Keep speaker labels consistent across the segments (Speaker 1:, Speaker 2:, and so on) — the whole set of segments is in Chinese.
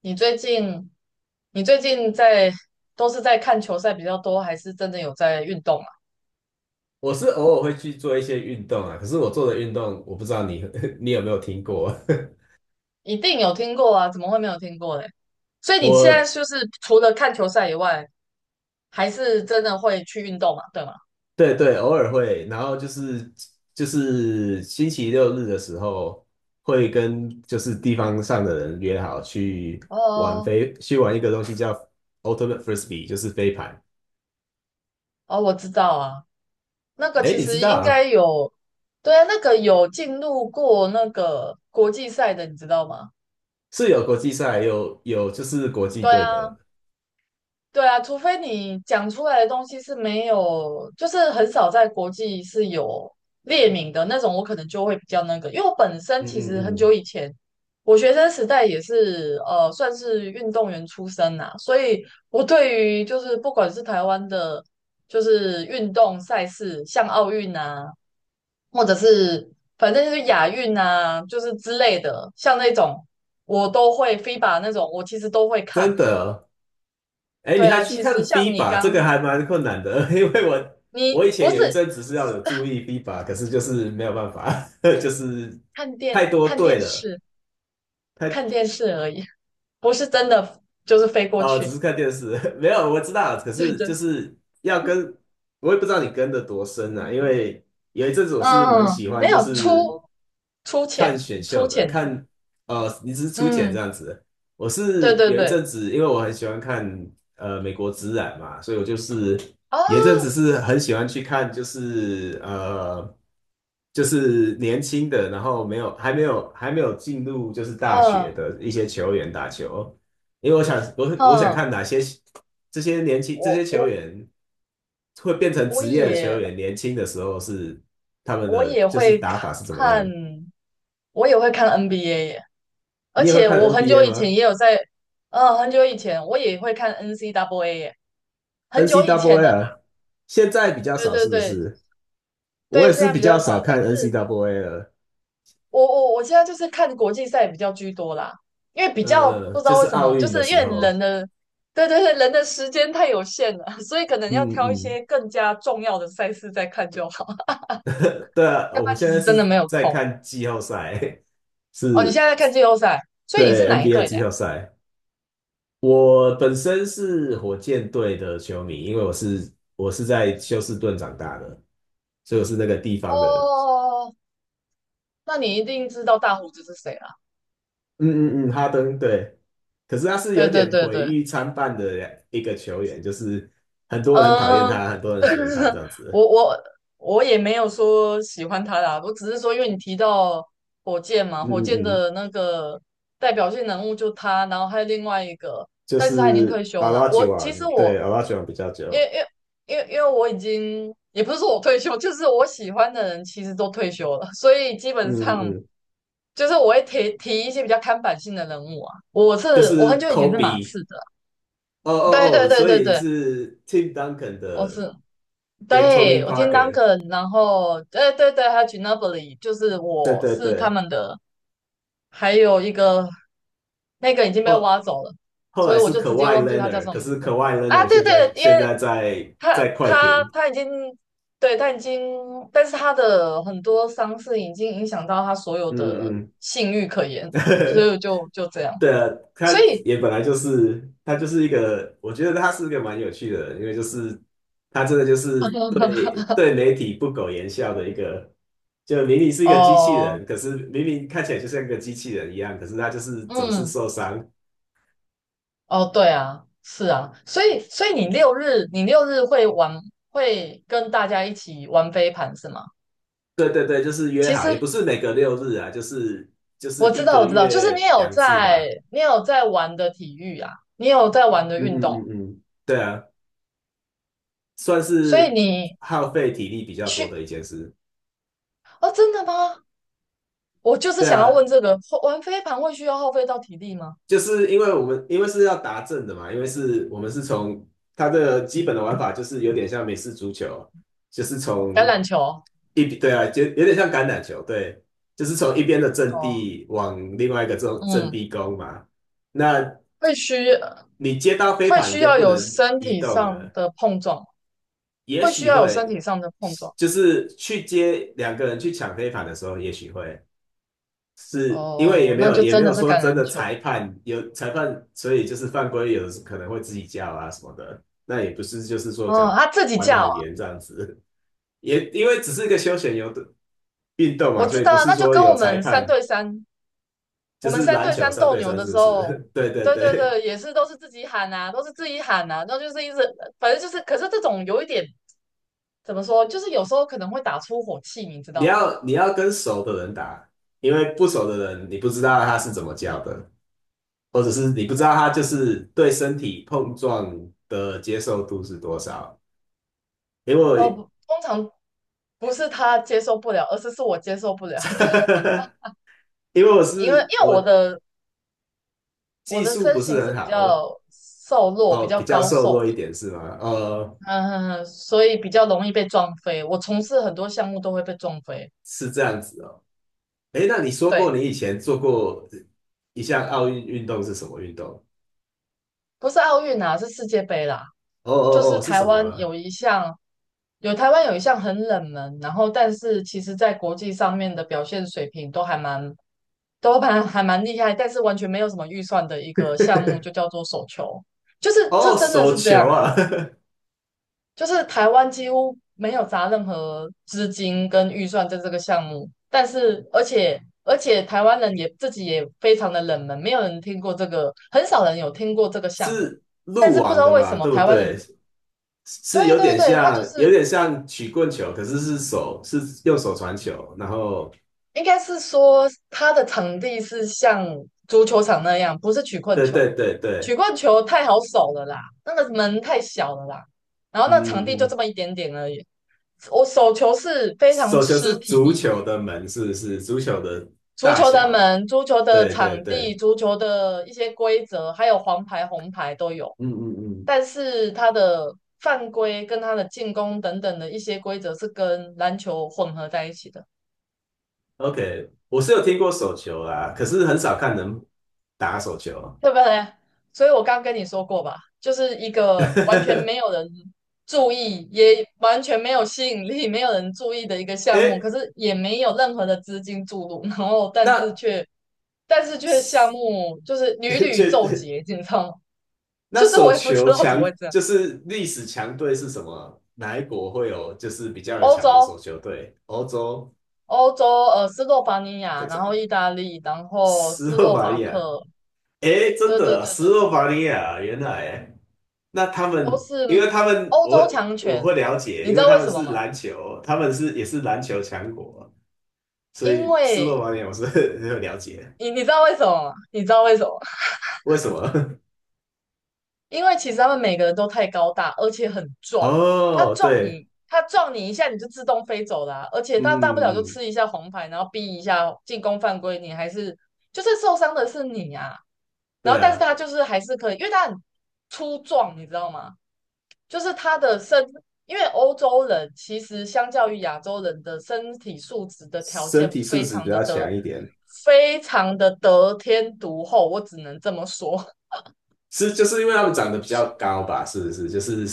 Speaker 1: 你最近你最近在都是在看球赛比较多，还是真的有在运动啊？
Speaker 2: 我是偶尔会去做一些运动啊，可是我做的运动，我不知道你 你有没有听过。
Speaker 1: 一定有听过啊，怎么会没有听过呢？所以你现在
Speaker 2: 我
Speaker 1: 就是除了看球赛以外，还是真的会去运动嘛，对吗？
Speaker 2: 对对，偶尔会，然后就是星期六日的时候，会跟就是地方上的人约好去玩
Speaker 1: 哦
Speaker 2: 飞，去玩一个东西叫 Ultimate Frisbee,就是飞盘。
Speaker 1: 哦，我知道啊，那个
Speaker 2: 哎，
Speaker 1: 其
Speaker 2: 你知
Speaker 1: 实
Speaker 2: 道
Speaker 1: 应该
Speaker 2: 啊，
Speaker 1: 有，对啊，那个有进入过那个国际赛的，你知道吗？
Speaker 2: 是有国际赛，有就是国际
Speaker 1: 对
Speaker 2: 队的。
Speaker 1: 啊，对啊，除非你讲出来的东西是没有，就是很少在国际是有列名的那种，我可能就会比较那个。因为我本身
Speaker 2: 嗯
Speaker 1: 其
Speaker 2: 嗯
Speaker 1: 实很久
Speaker 2: 嗯，
Speaker 1: 以前，我学生时代也是算是运动员出身呐、所以我对于就是不管是台湾的，就是运动赛事，像奥运啊，或者是反正就是亚运啊，就是之类的，像那种我都会 FIBA 那种，我其实都会看
Speaker 2: 真
Speaker 1: 诶、
Speaker 2: 的，哎，你
Speaker 1: 对
Speaker 2: 还
Speaker 1: 啊，
Speaker 2: 去
Speaker 1: 其
Speaker 2: 看
Speaker 1: 实像你
Speaker 2: FIBA,这个
Speaker 1: 刚
Speaker 2: 还蛮困难的，因为我
Speaker 1: 你
Speaker 2: 我以
Speaker 1: 不
Speaker 2: 前
Speaker 1: 是
Speaker 2: 有一阵子是要有注意 FIBA,可是就是没有办法，就是
Speaker 1: 看
Speaker 2: 太
Speaker 1: 电
Speaker 2: 多
Speaker 1: 看电
Speaker 2: 队了，
Speaker 1: 视
Speaker 2: 太
Speaker 1: 看电视而已，不是真的就是飞过
Speaker 2: 哦，只
Speaker 1: 去。
Speaker 2: 是看电视，没有我知道，可
Speaker 1: 对
Speaker 2: 是就
Speaker 1: 对，
Speaker 2: 是要跟，我也不知道你跟的多深啊，因为有一阵子我是蛮
Speaker 1: 嗯，
Speaker 2: 喜欢，
Speaker 1: 没
Speaker 2: 就
Speaker 1: 有
Speaker 2: 是
Speaker 1: 出
Speaker 2: 看
Speaker 1: 钱
Speaker 2: 选秀
Speaker 1: 出
Speaker 2: 的，
Speaker 1: 钱的，
Speaker 2: 看呃，你只是出钱这
Speaker 1: 嗯，
Speaker 2: 样子。我
Speaker 1: 对
Speaker 2: 是
Speaker 1: 对
Speaker 2: 有一
Speaker 1: 对
Speaker 2: 阵子，因为我很喜欢看美国职篮嘛，所以我就是
Speaker 1: 啊，
Speaker 2: 有一阵子是很喜欢去看，就是就是年轻的，然后没有还没有还没有进入就是大学
Speaker 1: 嗯
Speaker 2: 的一些球员打球，因为我想我想
Speaker 1: 嗯，
Speaker 2: 看哪些这些年轻这些
Speaker 1: 我
Speaker 2: 球
Speaker 1: 我
Speaker 2: 员会变成
Speaker 1: 我
Speaker 2: 职业的球
Speaker 1: 也
Speaker 2: 员，年轻的时候是他们
Speaker 1: 我
Speaker 2: 的
Speaker 1: 也
Speaker 2: 就是
Speaker 1: 会
Speaker 2: 打法是怎么
Speaker 1: 看，
Speaker 2: 样。
Speaker 1: 我也会看 NBA 耶，而
Speaker 2: 你也会
Speaker 1: 且
Speaker 2: 看
Speaker 1: 我很久
Speaker 2: NBA
Speaker 1: 以前
Speaker 2: 吗
Speaker 1: 也有在，很久以前我也会看 NCAA 耶，很久以前
Speaker 2: ？NCAA
Speaker 1: 的啦，
Speaker 2: 啊，现在比较
Speaker 1: 对
Speaker 2: 少，
Speaker 1: 对
Speaker 2: 是不
Speaker 1: 对
Speaker 2: 是？我也
Speaker 1: 对，现
Speaker 2: 是
Speaker 1: 在
Speaker 2: 比
Speaker 1: 比
Speaker 2: 较
Speaker 1: 较
Speaker 2: 少
Speaker 1: 少，但
Speaker 2: 看
Speaker 1: 是。
Speaker 2: NCAA 了。
Speaker 1: 我现在就是看国际赛比较居多啦，因为比
Speaker 2: 呃
Speaker 1: 较
Speaker 2: 呃，
Speaker 1: 不知
Speaker 2: 就
Speaker 1: 道
Speaker 2: 是
Speaker 1: 为什
Speaker 2: 奥
Speaker 1: 么，就
Speaker 2: 运的
Speaker 1: 是因
Speaker 2: 时
Speaker 1: 为人
Speaker 2: 候，
Speaker 1: 的，对对对，人的时间太有限了，所以可能要
Speaker 2: 嗯
Speaker 1: 挑一
Speaker 2: 嗯，
Speaker 1: 些更加重要的赛事再看就好，
Speaker 2: 对啊，
Speaker 1: 要不
Speaker 2: 我
Speaker 1: 然
Speaker 2: 现
Speaker 1: 其
Speaker 2: 在
Speaker 1: 实真的
Speaker 2: 是
Speaker 1: 没有
Speaker 2: 在
Speaker 1: 空。
Speaker 2: 看季后赛，
Speaker 1: 哦，你现
Speaker 2: 是
Speaker 1: 在在看季后赛，所以你是
Speaker 2: 对
Speaker 1: 哪一
Speaker 2: NBA 的
Speaker 1: 队的
Speaker 2: 季
Speaker 1: 呀？
Speaker 2: 后赛。我本身是火箭队的球迷，因为我在休斯顿长大的，所以我是那个地方的
Speaker 1: 哦，那你一定知道大胡子是谁了？
Speaker 2: 嗯嗯嗯，哈登对，可是他是有
Speaker 1: 对对
Speaker 2: 点
Speaker 1: 对
Speaker 2: 毁
Speaker 1: 对。
Speaker 2: 誉参半的一个球员，就是很多人很讨厌
Speaker 1: 呃，
Speaker 2: 他，很多人喜欢他这样
Speaker 1: 我
Speaker 2: 子。
Speaker 1: 我我也没有说喜欢他啦，我只是说，因为你提到火箭嘛，
Speaker 2: 嗯
Speaker 1: 火箭
Speaker 2: 嗯嗯，
Speaker 1: 的那个代表性人物就他，然后还有另外一个，
Speaker 2: 就
Speaker 1: 但是他已经
Speaker 2: 是
Speaker 1: 退
Speaker 2: a
Speaker 1: 休
Speaker 2: 阿
Speaker 1: 了。
Speaker 2: 拉吉
Speaker 1: 我
Speaker 2: 王，
Speaker 1: 其实
Speaker 2: 对，
Speaker 1: 我
Speaker 2: a 阿拉吉王比较
Speaker 1: 因
Speaker 2: 久。
Speaker 1: 为因为我已经也不是说我退休，就是我喜欢的人其实都退休了，所以基本
Speaker 2: 嗯嗯
Speaker 1: 上
Speaker 2: 嗯，
Speaker 1: 就是我会提一些比较看板性的人物啊。
Speaker 2: 就
Speaker 1: 我很
Speaker 2: 是
Speaker 1: 久以前是马
Speaker 2: Kobe,
Speaker 1: 刺的，
Speaker 2: 哦
Speaker 1: 对
Speaker 2: 哦
Speaker 1: 对
Speaker 2: 哦，
Speaker 1: 对
Speaker 2: 所
Speaker 1: 对
Speaker 2: 以
Speaker 1: 对，
Speaker 2: 是 Tim Duncan
Speaker 1: 我
Speaker 2: 的
Speaker 1: 是。
Speaker 2: 跟
Speaker 1: 对，
Speaker 2: Tony
Speaker 1: 我听
Speaker 2: Parker。
Speaker 1: Duncan，然后对对对，还有 Ginobili，就是
Speaker 2: 对
Speaker 1: 我
Speaker 2: 对
Speaker 1: 是他
Speaker 2: 对，
Speaker 1: 们的，还有一个那个已经被
Speaker 2: 后
Speaker 1: 挖走了，
Speaker 2: 后
Speaker 1: 所以
Speaker 2: 来
Speaker 1: 我
Speaker 2: 是
Speaker 1: 就直接
Speaker 2: Kawhi
Speaker 1: 忘记他叫什
Speaker 2: Leonard,
Speaker 1: 么
Speaker 2: 可
Speaker 1: 名
Speaker 2: 是
Speaker 1: 字
Speaker 2: Kawhi
Speaker 1: 啊。
Speaker 2: Leonard
Speaker 1: 对
Speaker 2: 现
Speaker 1: 对，
Speaker 2: 在
Speaker 1: 因
Speaker 2: 现
Speaker 1: 为
Speaker 2: 在在
Speaker 1: 他
Speaker 2: 在快
Speaker 1: 他
Speaker 2: 艇。
Speaker 1: 他已经对他已经，但是他的很多伤势已经影响到他所有的
Speaker 2: 嗯嗯。
Speaker 1: 性欲可言，所以 就这样。
Speaker 2: 对啊，他
Speaker 1: 所以
Speaker 2: 也本来就是他就是一个，我觉得他是一个蛮有趣的人，因为就是他真的就是对媒体不苟言笑的一个，就明明是一个机器
Speaker 1: 哦、
Speaker 2: 人，可是明明看起来就像个机器人一样，可是他就是
Speaker 1: 呃
Speaker 2: 总是
Speaker 1: 嗯，
Speaker 2: 受伤。
Speaker 1: 哦，对啊，是啊，所以你六日会玩，会跟大家一起玩飞盘是吗？
Speaker 2: 对对对，就是约
Speaker 1: 其实
Speaker 2: 好，也不是每隔六日啊，就是就是
Speaker 1: 我知
Speaker 2: 一
Speaker 1: 道，
Speaker 2: 个
Speaker 1: 我知道，就是你
Speaker 2: 月
Speaker 1: 有
Speaker 2: 两次
Speaker 1: 在
Speaker 2: 吧。
Speaker 1: 你有在玩的体育啊，你有在玩的
Speaker 2: 嗯
Speaker 1: 运
Speaker 2: 嗯
Speaker 1: 动，
Speaker 2: 嗯嗯，对啊，算
Speaker 1: 所以
Speaker 2: 是
Speaker 1: 你
Speaker 2: 耗费体力比较多
Speaker 1: 去
Speaker 2: 的一件事。
Speaker 1: 哦，真的吗？我就是
Speaker 2: 对
Speaker 1: 想要
Speaker 2: 啊，
Speaker 1: 问这个，会玩飞盘会需要耗费到体力吗？
Speaker 2: 就是因为我们因为是要达阵的嘛，因为是我们是从它的基本的玩法就是有点像美式足球，就是
Speaker 1: 橄
Speaker 2: 从
Speaker 1: 榄球哦，
Speaker 2: 一对啊，就有点像橄榄球，对，就是从一边的阵地往另外一个这种阵
Speaker 1: 嗯，
Speaker 2: 地攻嘛。那
Speaker 1: 会需
Speaker 2: 你接到飞
Speaker 1: 会
Speaker 2: 盘，你
Speaker 1: 需
Speaker 2: 就
Speaker 1: 要
Speaker 2: 不
Speaker 1: 有
Speaker 2: 能
Speaker 1: 身
Speaker 2: 移
Speaker 1: 体
Speaker 2: 动
Speaker 1: 上
Speaker 2: 了，
Speaker 1: 的碰撞，
Speaker 2: 也
Speaker 1: 会需
Speaker 2: 许
Speaker 1: 要有身
Speaker 2: 会
Speaker 1: 体上的碰撞。
Speaker 2: 就是去接两个人去抢飞盘的时候，也许会，因为也
Speaker 1: 哦，
Speaker 2: 没
Speaker 1: 那
Speaker 2: 有
Speaker 1: 就
Speaker 2: 也没
Speaker 1: 真的
Speaker 2: 有
Speaker 1: 是
Speaker 2: 说
Speaker 1: 橄
Speaker 2: 真
Speaker 1: 榄
Speaker 2: 的
Speaker 1: 球。
Speaker 2: 裁判有裁判，所以就是犯规，有可能会自己叫啊什么的，那也不是就是说讲
Speaker 1: 哦，他自己
Speaker 2: 玩
Speaker 1: 叫
Speaker 2: 的很
Speaker 1: 啊，
Speaker 2: 严这样子，也因为只是一个休闲游的运动嘛，
Speaker 1: 我
Speaker 2: 所
Speaker 1: 知
Speaker 2: 以
Speaker 1: 道
Speaker 2: 不
Speaker 1: 啊，
Speaker 2: 是
Speaker 1: 那就
Speaker 2: 说
Speaker 1: 跟
Speaker 2: 有
Speaker 1: 我
Speaker 2: 裁
Speaker 1: 们三
Speaker 2: 判，
Speaker 1: 对三，
Speaker 2: 就是篮球三
Speaker 1: 斗
Speaker 2: 对
Speaker 1: 牛
Speaker 2: 三
Speaker 1: 的
Speaker 2: 是不
Speaker 1: 时候，
Speaker 2: 是？对对
Speaker 1: 对对
Speaker 2: 对，
Speaker 1: 对，也是都是自己喊啊，都是自己喊啊，那就是一直，反正就是，可是这种有一点怎么说，就是有时候可能会打出火气，你知
Speaker 2: 你
Speaker 1: 道吗？
Speaker 2: 要你要跟熟的人打，因为不熟的人你不知道他是怎么叫的，或者是你不知道他就是对身体碰撞的接受度是多少，因为
Speaker 1: 不
Speaker 2: 我。
Speaker 1: 通常不是他接受不了，而是我接受不了的，
Speaker 2: 因为我
Speaker 1: 因为
Speaker 2: 是
Speaker 1: 因为
Speaker 2: 我
Speaker 1: 我的我
Speaker 2: 技
Speaker 1: 的
Speaker 2: 术不
Speaker 1: 身形
Speaker 2: 是
Speaker 1: 是
Speaker 2: 很
Speaker 1: 比
Speaker 2: 好，我
Speaker 1: 较瘦弱、比
Speaker 2: 哦
Speaker 1: 较
Speaker 2: 比较
Speaker 1: 高
Speaker 2: 瘦
Speaker 1: 瘦
Speaker 2: 弱一
Speaker 1: 的，
Speaker 2: 点是吗？呃，
Speaker 1: 嗯所以比较容易被撞飞。我从事很多项目都会被撞飞。
Speaker 2: 是这样子哦。诶，那你说
Speaker 1: 对，
Speaker 2: 过你以前做过一项奥运运动是什么运动？
Speaker 1: 不是奥运啊，是世界杯啦。
Speaker 2: 哦
Speaker 1: 就
Speaker 2: 哦哦，
Speaker 1: 是
Speaker 2: 是
Speaker 1: 台
Speaker 2: 什么
Speaker 1: 湾
Speaker 2: 啊
Speaker 1: 有一项，台湾有一项很冷门，然后但是其实在国际上面的表现水平都还蛮还蛮厉害，但是完全没有什么预算的一个项目，就叫做手球。就是
Speaker 2: 哦，
Speaker 1: 这真的
Speaker 2: 手
Speaker 1: 是这
Speaker 2: 球
Speaker 1: 样哎、
Speaker 2: 啊，
Speaker 1: 就是台湾几乎没有砸任何资金跟预算在这个项目，但是而且台湾人也自己也非常的冷门，没有人听过这个，很少人有听过这个 项目。
Speaker 2: 是
Speaker 1: 但
Speaker 2: 路
Speaker 1: 是不知
Speaker 2: 网
Speaker 1: 道
Speaker 2: 的
Speaker 1: 为什
Speaker 2: 嘛，
Speaker 1: 么
Speaker 2: 对不
Speaker 1: 台湾
Speaker 2: 对？
Speaker 1: 人，
Speaker 2: 是
Speaker 1: 对
Speaker 2: 有
Speaker 1: 对
Speaker 2: 点
Speaker 1: 对，他就
Speaker 2: 像，有
Speaker 1: 是
Speaker 2: 点像曲棍球，可是是手是用手传球，然后
Speaker 1: 应该是说他的场地是像足球场那样，不是曲棍
Speaker 2: 对
Speaker 1: 球，
Speaker 2: 对对
Speaker 1: 曲
Speaker 2: 对，
Speaker 1: 棍球太好守了啦，那个门太小了啦，然后那
Speaker 2: 嗯
Speaker 1: 场地
Speaker 2: 嗯，
Speaker 1: 就
Speaker 2: 嗯
Speaker 1: 这么一点点而已。我手球是非常
Speaker 2: 手球是
Speaker 1: 吃体
Speaker 2: 足
Speaker 1: 力的。
Speaker 2: 球的门，是不是？足球的
Speaker 1: 足
Speaker 2: 大
Speaker 1: 球的
Speaker 2: 小。
Speaker 1: 门、足球的
Speaker 2: 对对
Speaker 1: 场
Speaker 2: 对，
Speaker 1: 地、足球的一些规则，还有黄牌、红牌都有，
Speaker 2: 嗯嗯嗯
Speaker 1: 但是它的犯规跟它的进攻等等的一些规则是跟篮球混合在一起的，
Speaker 2: ，OK,我是有听过手球啦，可是很少看人打手球。
Speaker 1: 对不对？所以我刚跟你说过吧，就是一个完全没 有人注意，也完全没有吸引力、没有人注意的一个项目，
Speaker 2: 哎
Speaker 1: 可是也没有任何的资金注入，然后但是
Speaker 2: 那
Speaker 1: 却。但是却项目就是屡 屡
Speaker 2: 确
Speaker 1: 奏捷，你知道吗？
Speaker 2: 那
Speaker 1: 就是
Speaker 2: 手
Speaker 1: 我也不知
Speaker 2: 球
Speaker 1: 道怎么会
Speaker 2: 强
Speaker 1: 这样。
Speaker 2: 就是历史强队是什么？哪一国会有就是比较有
Speaker 1: 欧
Speaker 2: 强的手
Speaker 1: 洲，
Speaker 2: 球队？欧洲
Speaker 1: 欧洲，斯洛伐尼
Speaker 2: 这
Speaker 1: 亚，然后
Speaker 2: 个
Speaker 1: 意大利，然后
Speaker 2: 斯
Speaker 1: 斯
Speaker 2: 洛
Speaker 1: 洛
Speaker 2: 伐
Speaker 1: 伐
Speaker 2: 利亚。
Speaker 1: 克，
Speaker 2: 哎，真
Speaker 1: 对对
Speaker 2: 的啊
Speaker 1: 对
Speaker 2: 斯
Speaker 1: 对，
Speaker 2: 洛伐利亚，原来那他
Speaker 1: 都
Speaker 2: 们，因
Speaker 1: 是
Speaker 2: 为他们
Speaker 1: 欧
Speaker 2: 我
Speaker 1: 洲强
Speaker 2: 我
Speaker 1: 权。
Speaker 2: 会了
Speaker 1: 你
Speaker 2: 解，
Speaker 1: 知
Speaker 2: 因为
Speaker 1: 道为
Speaker 2: 他们
Speaker 1: 什么
Speaker 2: 是
Speaker 1: 吗？
Speaker 2: 篮球，他们是也是篮球强国。所
Speaker 1: 因
Speaker 2: 以斯洛
Speaker 1: 为
Speaker 2: 伐尼亚我是 很有了解的
Speaker 1: 你知道为什么吗？你知道为什么吗？
Speaker 2: 为什么？
Speaker 1: 因为其实他们每个人都太高大，而且很 壮。他
Speaker 2: 哦，
Speaker 1: 撞
Speaker 2: 对，
Speaker 1: 你，他撞你一下，你就自动飞走啦、而且
Speaker 2: 嗯
Speaker 1: 他大不了
Speaker 2: 嗯
Speaker 1: 就
Speaker 2: 嗯，
Speaker 1: 吃一下红牌，然后逼一下进攻犯规，你还是就是受伤的是你啊。然
Speaker 2: 对
Speaker 1: 后但是
Speaker 2: 啊，
Speaker 1: 他就是还是可以，因为他很粗壮，你知道吗？就是他的身，因为欧洲人其实相较于亚洲人的身体素质的条
Speaker 2: 身
Speaker 1: 件
Speaker 2: 体素质比较强一点，
Speaker 1: 非常的得天独厚，我只能这么说。
Speaker 2: 是就是因为他们长得比较高吧？是不是？就是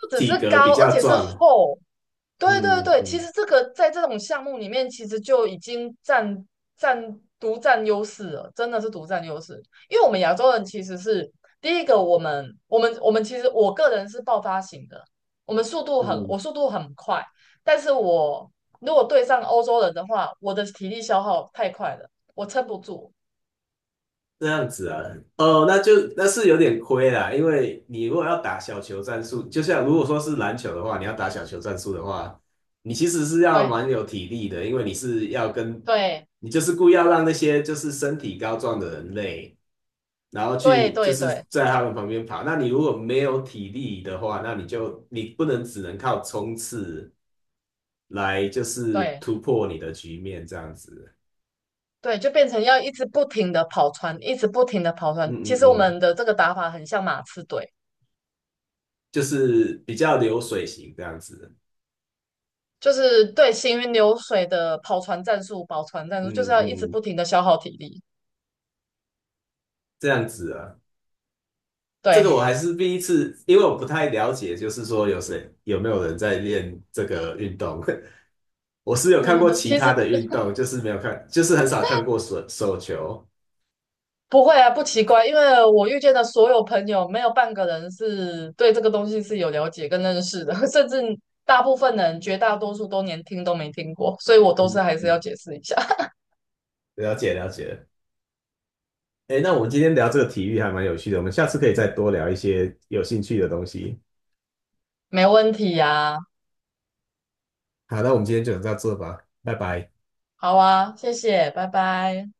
Speaker 1: 不只
Speaker 2: 体
Speaker 1: 是
Speaker 2: 格比
Speaker 1: 高，而
Speaker 2: 较
Speaker 1: 且是
Speaker 2: 壮。
Speaker 1: 厚。对对
Speaker 2: 嗯
Speaker 1: 对，其
Speaker 2: 嗯
Speaker 1: 实这个在这种项目里面，其实就已经独占优势了，真的是独占优势。因为我们亚洲人其实是第一个，我们我们我们其实我个人是爆发型的，
Speaker 2: 嗯，
Speaker 1: 我速度很快，但是我如果对上欧洲人的话，我的体力消耗太快了，我撑不住。
Speaker 2: 这样子啊，哦，那就那是有点亏啦，因为你如果要打小球战术，就像如果说是篮球的话，你要打小球战术的话，你其实是要
Speaker 1: 对
Speaker 2: 蛮有体力的，因为你是要跟，
Speaker 1: 对
Speaker 2: 你就是故意要让那些就是身体高壮的人类，然后
Speaker 1: 对
Speaker 2: 去就
Speaker 1: 对
Speaker 2: 是
Speaker 1: 对
Speaker 2: 在他们旁边跑。那你如果没有体力的话，那你就你不能只能靠冲刺来就是
Speaker 1: 对。
Speaker 2: 突破你的局面这样子。
Speaker 1: 对，就变成要一直不停的跑船，一直不停的跑船。
Speaker 2: 嗯
Speaker 1: 其实
Speaker 2: 嗯
Speaker 1: 我
Speaker 2: 嗯，
Speaker 1: 们的这个打法很像马刺队，
Speaker 2: 就是比较流水型这样子。
Speaker 1: 就是对行云流水的跑船战术、跑船战术，就是
Speaker 2: 嗯
Speaker 1: 要一直
Speaker 2: 嗯，
Speaker 1: 不停的消耗体力。
Speaker 2: 这样子啊，这
Speaker 1: 对，
Speaker 2: 个我还是第一次，因为我不太了解，就是说有谁有没有人在练这个运动。我是有看过 其
Speaker 1: 其
Speaker 2: 他
Speaker 1: 实
Speaker 2: 的运动，就是没有看，就是很少看过手球。
Speaker 1: 不会啊，不奇怪，因为我遇见的所有朋友，没有半个人是对这个东西是有了解跟认识的，甚至大部分人，绝大多数都连听都没听过，所以我都是
Speaker 2: 嗯
Speaker 1: 还是要
Speaker 2: 嗯，
Speaker 1: 解释一下，
Speaker 2: 了解了解。哎，那我们今天聊这个体育还蛮有趣的，我们下次可以再多聊一些有兴趣的东西。
Speaker 1: 没问题呀、
Speaker 2: 好，那我们今天就到这吧，拜拜。
Speaker 1: 好啊，谢谢，拜拜。